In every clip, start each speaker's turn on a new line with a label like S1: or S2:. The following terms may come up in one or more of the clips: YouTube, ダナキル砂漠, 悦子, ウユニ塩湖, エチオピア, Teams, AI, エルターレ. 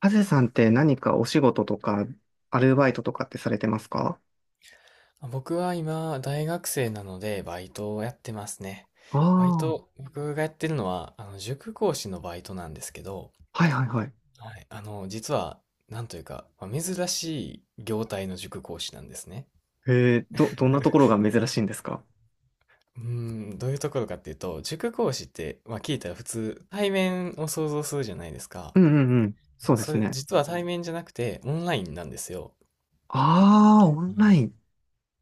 S1: ハゼさんって何かお仕事とか、アルバイトとかってされてますか？
S2: 僕は今、大学生なので、バイトをやってますね。
S1: あ
S2: バイ
S1: あ
S2: ト、
S1: ー。
S2: 僕がやってるのは、塾講師のバイトなんですけど、
S1: はいはいはい。
S2: はい、実は、なんというか、まあ珍しい業態の塾講師なんですね。
S1: どんなところが珍しいんですか？
S2: どういうところかっていうと、塾講師って、まあ、聞いたら普通、対面を想像するじゃないですか。
S1: うんうんうん。そうで
S2: そ
S1: す
S2: れ、
S1: ね。
S2: 実は対面じゃなくて、オンラインなんですよ。
S1: ああ、オンライン。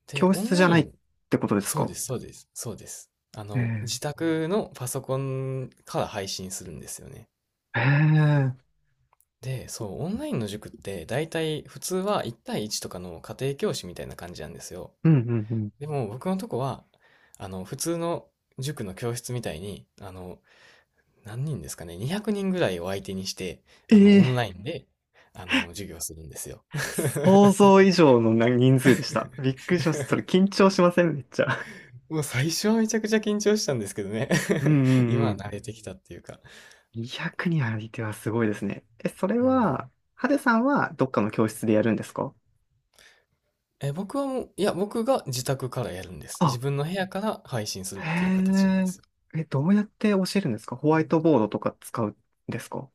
S2: で、
S1: 教
S2: オン
S1: 室
S2: ラ
S1: じゃ
S2: イ
S1: ないっ
S2: ン、
S1: てことです
S2: そうで
S1: か？
S2: す、そうです、そうです。
S1: ええ。
S2: 自宅のパソコンから配信するんですよね。
S1: ええ。
S2: で、そう、オンラインの塾って大体普通は1対1とかの家庭教師みたいな感じなんですよ。
S1: うんうんうん。
S2: でも僕のとこは、あの、普通の塾の教室みたいに、何人ですかね、200人ぐらいを相手にして、
S1: え
S2: オン
S1: え、
S2: ラインで、授業するんですよ。
S1: 想像以上のな人数でした。びっくりしました。それ緊 張しませんめっちゃ？
S2: もう最初はめちゃくちゃ緊張したんですけどね。
S1: うんう
S2: 今
S1: んう
S2: は
S1: ん。
S2: 慣れてきたっていうか。
S1: 200人相手はすごいですね。え、それ
S2: う
S1: は、
S2: ん。
S1: ハデさんはどっかの教室でやるんですか？
S2: え、僕はもう、いや、僕が自宅からやるんです。
S1: あ、
S2: 自分の部屋から配信するっていう形
S1: へ
S2: なんです。
S1: え。え、どうやって教えるんですか？ホワイトボードとか使うんですか？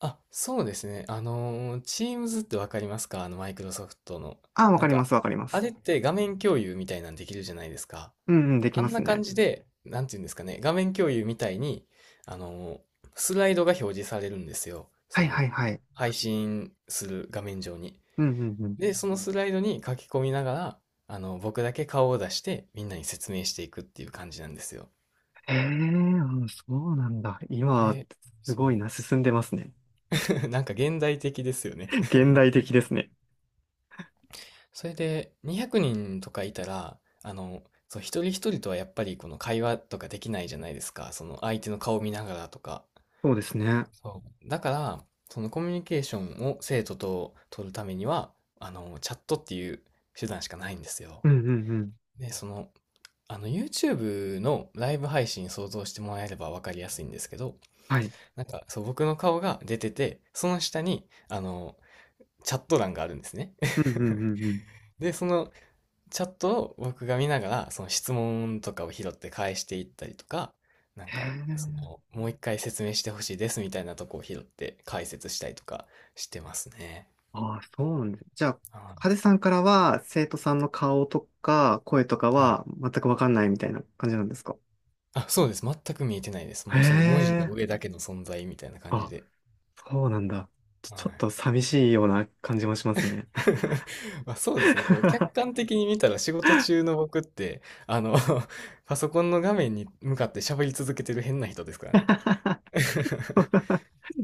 S2: あ、そうですね。Teams ってわかりますか？あの、マイクロソフトの。
S1: ああ、わ
S2: なん
S1: かりま
S2: か、
S1: す、わかりま
S2: あ
S1: す。
S2: れって画面共有みたいなんできるじゃないですか。
S1: うんうん、でき
S2: あ
S1: ま
S2: ん
S1: す
S2: な感
S1: ね。
S2: じで、なんていうんですかね、画面共有みたいに、あのー、スライドが表示されるんですよ。
S1: は
S2: そ
S1: い
S2: の、
S1: はいはい。
S2: 配信する画面上に。
S1: うんうんうん。
S2: で、そのスライドに書き込みながら、僕だけ顔を出して、みんなに説明していくっていう感じなんですよ。
S1: へえ、あ、そうなんだ。今、
S2: で、
S1: す
S2: そ
S1: ごいな、
S2: う。
S1: 進んでますね。
S2: なんか現代的ですよ ね。
S1: 現代的ですね。
S2: それで200人とかいたら、そう、一人一人とはやっぱりこの会話とかできないじゃないですか。その相手の顔を見ながらとか。
S1: そうですね。
S2: そう。だから、そのコミュニケーションを生徒と取るためには、チャットっていう手段しかないんですよ。
S1: うんうんうん。
S2: で、その、YouTube のライブ配信想像してもらえればわかりやすいんですけど、
S1: はい。
S2: なんか、そう、僕の顔が出てて、その下に、チャット欄があるんですね。
S1: うん うんうんうん。
S2: で、そのチャットを僕が見ながら、その質問とかを拾って返していったりとか、なん
S1: へ
S2: か、そ
S1: え。
S2: の、もう一回説明してほしいですみたいなとこを拾って解説したりとかしてますね。
S1: ああ、そうなんです。じゃあ、
S2: あー
S1: ハデ
S2: は
S1: さんからは、生徒さんの顔とか、声とか
S2: い。はい。
S1: は、全くわかんないみたいな感じなんですか？
S2: あ、そうです。全く見えてないです。
S1: へ
S2: もうその文字の
S1: え。
S2: 上だけの存在みたいな感じ
S1: あ、
S2: で。
S1: そうなんだ。ちょ、
S2: は
S1: ちょっ
S2: い。
S1: と寂しいような感じもしますね。
S2: まあ、そうですね。こう、客 観的に見たら仕事中の僕って、あの パソコンの画面に向かって喋り続けてる変な人ですからね。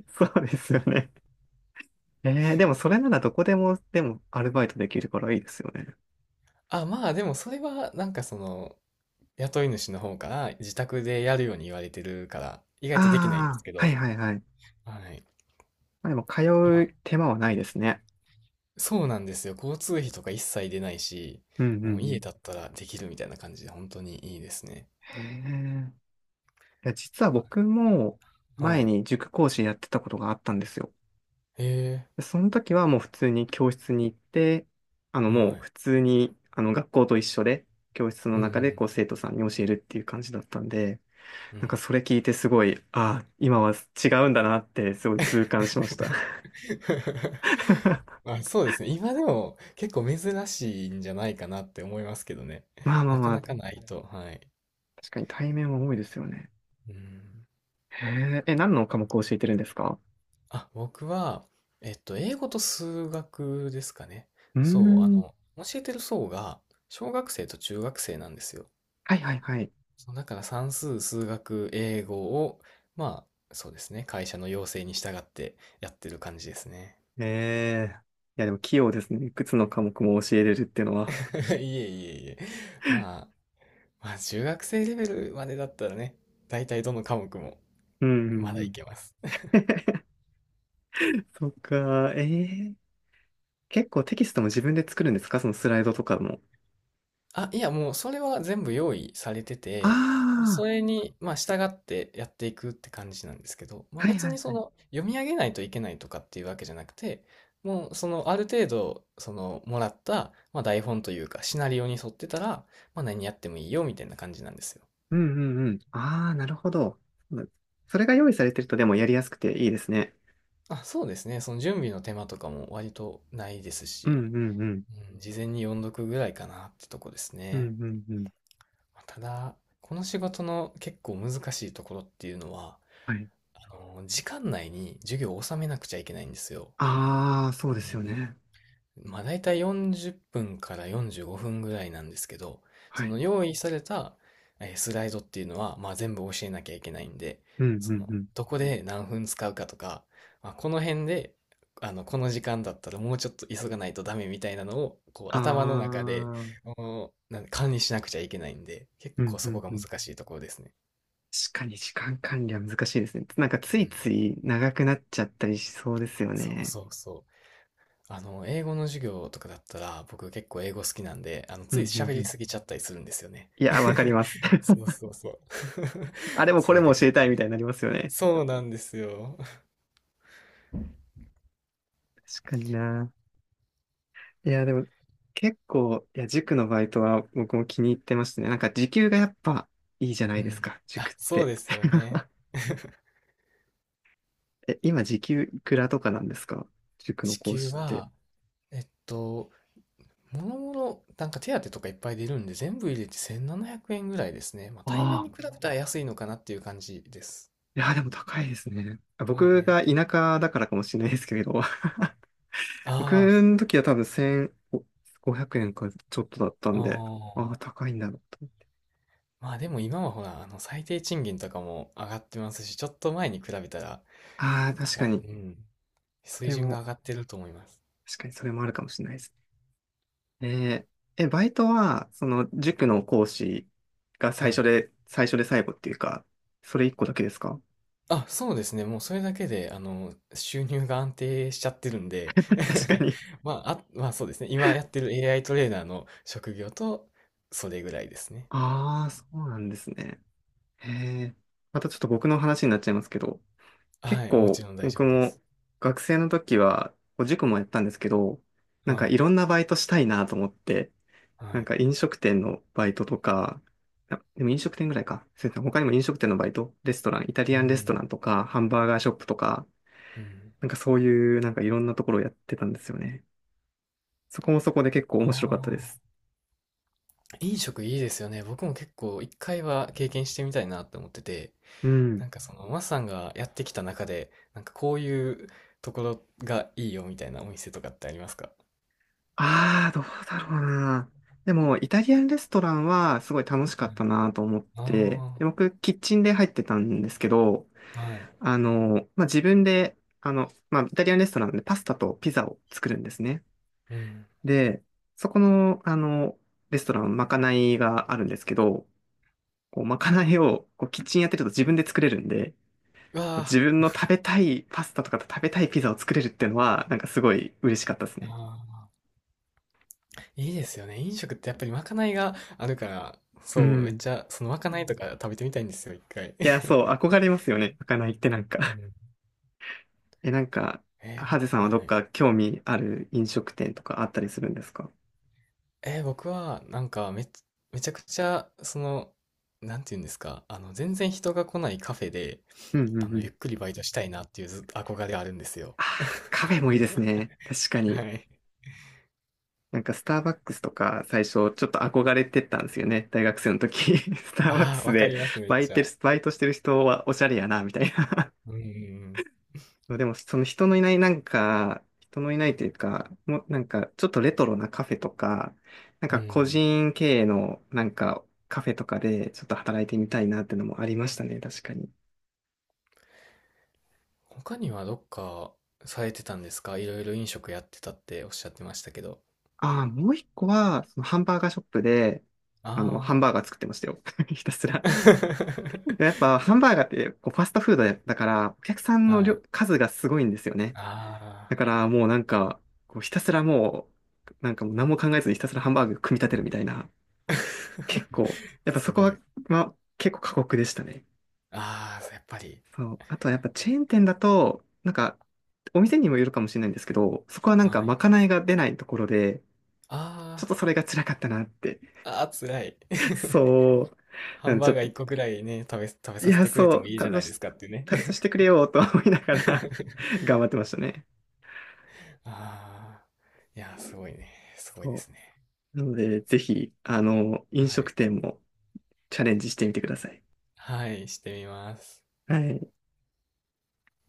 S1: そうですよね。でもそれならどこでも、でもアルバイトできるからいいですよね。
S2: あ、まあでもそれはなんかその、雇い主の方から自宅でやるように言われてるから、意外
S1: あ
S2: とできないんです
S1: あ、
S2: け
S1: は
S2: ど、
S1: いはいはい。
S2: はい。
S1: まあ、でも通
S2: まあ
S1: う手間はないですね。
S2: そうなんですよ。交通費とか一切出ないし、
S1: うんうんう
S2: もう家
S1: ん。
S2: だったらできるみたいな感じで、本当にいいですね。
S1: へえ。いや、実は僕も
S2: は
S1: 前
S2: い。
S1: に塾講師やってたことがあったんですよ。
S2: ええ、
S1: でその時はもう普通に教室に行って、も
S2: は
S1: う
S2: い。
S1: 普通に学校と一緒で、教室の
S2: うんう
S1: 中で
S2: ん。
S1: こう生徒さんに教えるっていう感じだったんで、
S2: う
S1: なんか
S2: ん。
S1: それ聞いてすごい、ああ、今は違うんだなってすごい痛感しました。
S2: まあ、そうですね。今でも結構珍しいんじゃないかなって思いますけどね。
S1: まあまあ
S2: なか
S1: まあ、
S2: なかないと。はい。
S1: 確かに対面は多いですよね。
S2: うん。
S1: へえ、え、何の科目を教えてるんですか？
S2: あ、僕は、英語と数学ですかね。
S1: うー
S2: そう、
S1: ん、
S2: 教えてる層が、小学生と中学生なんですよ。
S1: はいはいはい。
S2: そう、だから算数、数学、英語を、まあ、そうですね、会社の要請に従ってやってる感じですね。
S1: ええ、いやでも器用ですね。いくつの科目も教えれるっていうのは。
S2: いえいえいえ。まあ、まあ、中学生レベルまでだったらね、大体どの科目も
S1: うんう
S2: ま
S1: ん
S2: だ
S1: う
S2: い
S1: ん。
S2: けます。
S1: そっか、え結構テキストも自分で作るんですか？そのスライドとかも。
S2: あ、いや、もうそれは全部用意されて
S1: あ
S2: て、そ
S1: あ、
S2: れに、まあ、従ってやっていくって感じなんですけど、まあ、
S1: はい
S2: 別
S1: は
S2: に
S1: いは
S2: そ
S1: い。
S2: の、読み上げないといけないとかっていうわけじゃなくて、もう、その、ある程度、その、もらった、まあ、台本というか、シナリオに沿ってたら、まあ、何やってもいいよ、みたいな感じなんですよ。
S1: うんうんうん。ああ、なるほど。うん、それが用意されてるとでもやりやすくていいですね。
S2: あ、そうですね。その準備の手間とかも割とないです
S1: うん
S2: し、
S1: うんうん。
S2: うん、事前に読んどくぐらいかなってとこです
S1: うん
S2: ね。
S1: うんうん。
S2: まあただ、この仕事の結構難しいところっていうのは、
S1: はい。
S2: あの時間内に授業を収めなくちゃいけないんですよ。
S1: ああ、そうですよね。
S2: うん、まあ、大体40分から45分ぐらいなんですけど、
S1: は
S2: そ
S1: い。
S2: の用意されたスライドっていうのは、まあ、全部教えなきゃいけないんで、
S1: うんう
S2: そ
S1: ん
S2: の、
S1: うん。
S2: どこで何分使うかとか、まあ、この辺で、この時間だったらもうちょっと急がないとダメみたいなのを、こう、
S1: あ
S2: 頭の中で、
S1: あ、う
S2: おなん管理しなくちゃいけないんで、結
S1: ん
S2: 構
S1: う
S2: そ
S1: ん
S2: こが
S1: うん。
S2: 難しいところですね。
S1: 確かに時間管理は難しいですね。なんかつ
S2: う
S1: い
S2: ん、
S1: つい長くなっちゃったりしそうですよ
S2: そう
S1: ね。
S2: そうそう。英語の授業とかだったら、僕結構英語好きなんで、
S1: う
S2: つい
S1: んうん
S2: 喋
S1: う
S2: り
S1: ん。
S2: すぎちゃったりするんですよね。
S1: いや、わかります。
S2: そう そうそう。
S1: あれ もこ
S2: そ
S1: れ
S2: れが
S1: も教え
S2: 結
S1: た
S2: 構
S1: いみた
S2: ね。
S1: いになりますよね。
S2: そうなんですよ。
S1: 確かにな。いや、でも、結構、いや、塾のバイトは僕も気に入ってましたね。なんか、時給がやっぱいいじゃな
S2: う
S1: いです
S2: ん。
S1: か、塾っ
S2: あ、そう
S1: て。
S2: ですよね。
S1: え、今、時給いくらとかなんですか？塾の
S2: 支
S1: 講
S2: 給
S1: 師って。
S2: は、えっと、もろもろ、なんか手当とかいっぱい出るんで、全部入れて1700円ぐらいですね。まあ、対面
S1: あ
S2: に
S1: あ。
S2: 比べたら安いのかなっていう感じです。
S1: いや、でも高いですね。あ、
S2: まあ
S1: 僕
S2: ね。
S1: が田舎だからかもしれないですけれど、僕
S2: あ
S1: の時は多分1500円かちょっとだった
S2: あ、
S1: んで、ああ、
S2: ああ。
S1: 高いんだろうと。
S2: まあでも今はほら、あの最低賃金とかも上がってますし、ちょっと前に比べたら
S1: ああ、確
S2: 上
S1: か
S2: が
S1: に。
S2: うん、
S1: そ
S2: 水
S1: れ
S2: 準が
S1: も、
S2: 上がってると思います。
S1: 確かにそれもあるかもしれないですね。えーえ、バイトは、塾の講師が最
S2: は
S1: 初
S2: い。
S1: で、最初で最後っていうか、それ一個だけですか？
S2: あ、そうですね。もうそれだけで、収入が安定しちゃってるんで。
S1: 確か に。
S2: まあ、あ、まあそうですね。今やってる AI トレーナーの職業と、それぐらいですね。
S1: ああ、そうなんですね。へえ。またちょっと僕の話になっちゃいますけど、結
S2: はい。もち
S1: 構
S2: ろん大丈
S1: 僕
S2: 夫で
S1: も
S2: す。
S1: 学生の時は、こう塾もやったんですけど、なんか
S2: は
S1: い
S2: い。
S1: ろんなバイトしたいなと思って、
S2: は
S1: なん
S2: い。
S1: か飲食店のバイトとか、あ、でも飲食店ぐらいか。そうですね。他にも飲食店のバイト、レストラン、イタリ
S2: う
S1: アンレスト
S2: ん。
S1: ランとか、ハンバーガーショップとか、
S2: うん。
S1: なんかそういうなんかいろんなところをやってたんですよね。そこもそこで結構
S2: あ
S1: 面白かったで
S2: あ。
S1: す。
S2: 飲食いいですよね。僕も結構一回は経験してみたいなって思ってて、
S1: う
S2: な
S1: ん。
S2: んかその、マスさんがやってきた中で、なんかこういうところがいいよみたいなお店とかってありますか？
S1: ああ、どうだろうな。でも、イタリアンレストランはすごい楽しか
S2: は
S1: った
S2: い。
S1: なと思って、
S2: あ
S1: で、僕、キッチンで入ってたんですけど、
S2: あ、はい。
S1: まあ、自分で、まあ、イタリアンレストランでパスタとピザを作るんですね。
S2: うん。
S1: で、そこの、レストラン、まかないがあるんですけど、こう、まかないを、こう、キッチンやってると自分で作れるんで、
S2: うわあ、
S1: 自分の食べたいパスタとか食べたいピザを作れるっていうのは、なんかすごい嬉しかったですね。
S2: あーいいですよね。飲食ってやっぱりまかないがあるから、
S1: う
S2: そう、めっ
S1: ん。
S2: ちゃ、そのまかないとか食べてみたいんですよ、一回。
S1: いや、そう、憧れますよね。まかないってなんか。
S2: う ん。
S1: え、なんか、
S2: えー
S1: ハ
S2: ほ
S1: ゼさんは
S2: は
S1: どっ
S2: い。
S1: か興味ある飲食店とかあったりするんですか？
S2: 僕は、めちゃくちゃ、その、なんていうんですか、全然人が来ないカフェで、
S1: うんうんうん。
S2: ゆっくりバイトしたいなっていうず憧れがあるんですよ。
S1: ああ、カフェもいいですね。確か
S2: は
S1: に。
S2: い。
S1: なんかスターバックスとか最初ちょっと憧れてたんですよね。大学生の時。スターバック
S2: ああ、
S1: ス
S2: わか
S1: で
S2: ります、めっ
S1: バイ
S2: ち
S1: ト、
S2: ゃ。
S1: バイトしてる人はおしゃれやな、みたいな。
S2: うん
S1: そう、でも、その人のいないなんか、人のいないというか、もうなんか、ちょっとレトロなカフェとか、なん
S2: うん
S1: か
S2: う
S1: 個
S2: ん。
S1: 人経営のなんかカフェとかでちょっと働いてみたいなっていうのもありましたね、確かに。
S2: 他にはどっかされてたんですか？いろいろ飲食やってたっておっしゃってましたけど。
S1: ああ、もう一個は、そのハンバーガーショップで、ハ
S2: あ
S1: ンバーガー作ってましたよ。ひたすら。
S2: あ。
S1: やっぱ、ハンバーガーってこうファストフードやだから、お客さんの
S2: は
S1: 量
S2: い。
S1: 数がすごいんですよね。だ
S2: あ
S1: から、もうなんか、こうひたすらもう、なんかもう何も考えずにひたすらハンバーグ組み立てるみたいな。
S2: あ。
S1: 結 構、やっぱそ
S2: す
S1: こ
S2: ご
S1: は、
S2: い。
S1: まあ、結構過酷でしたね。
S2: ああ、やっぱり。
S1: そう。あとはやっぱチェーン店だと、なんか、お店にもよるかもしれないんですけど、そこはなんか
S2: はい。
S1: まかないが出ないところで、
S2: あ
S1: ちょっとそれが辛かったなって。
S2: あ。ああ、辛い。
S1: そう。
S2: ハ
S1: な
S2: ン
S1: んでち
S2: バー
S1: ょっ
S2: ガー
S1: と、
S2: 一個くらいね、食べ
S1: い
S2: させ
S1: や、
S2: てくれ
S1: そ
S2: ても
S1: う、
S2: いいじ
S1: 食
S2: ゃな
S1: べ
S2: い
S1: さ
S2: で
S1: せ
S2: す
S1: て、
S2: かっていうね。
S1: 食べさせてくれよと思いながら。 頑張ってましたね。
S2: ああ。いやー、すごいね。すごいで
S1: そ
S2: すね。
S1: う。なので、ぜひ、
S2: は
S1: 飲食
S2: い。
S1: 店もチャレンジしてみてください。
S2: はい、してみます。
S1: はい。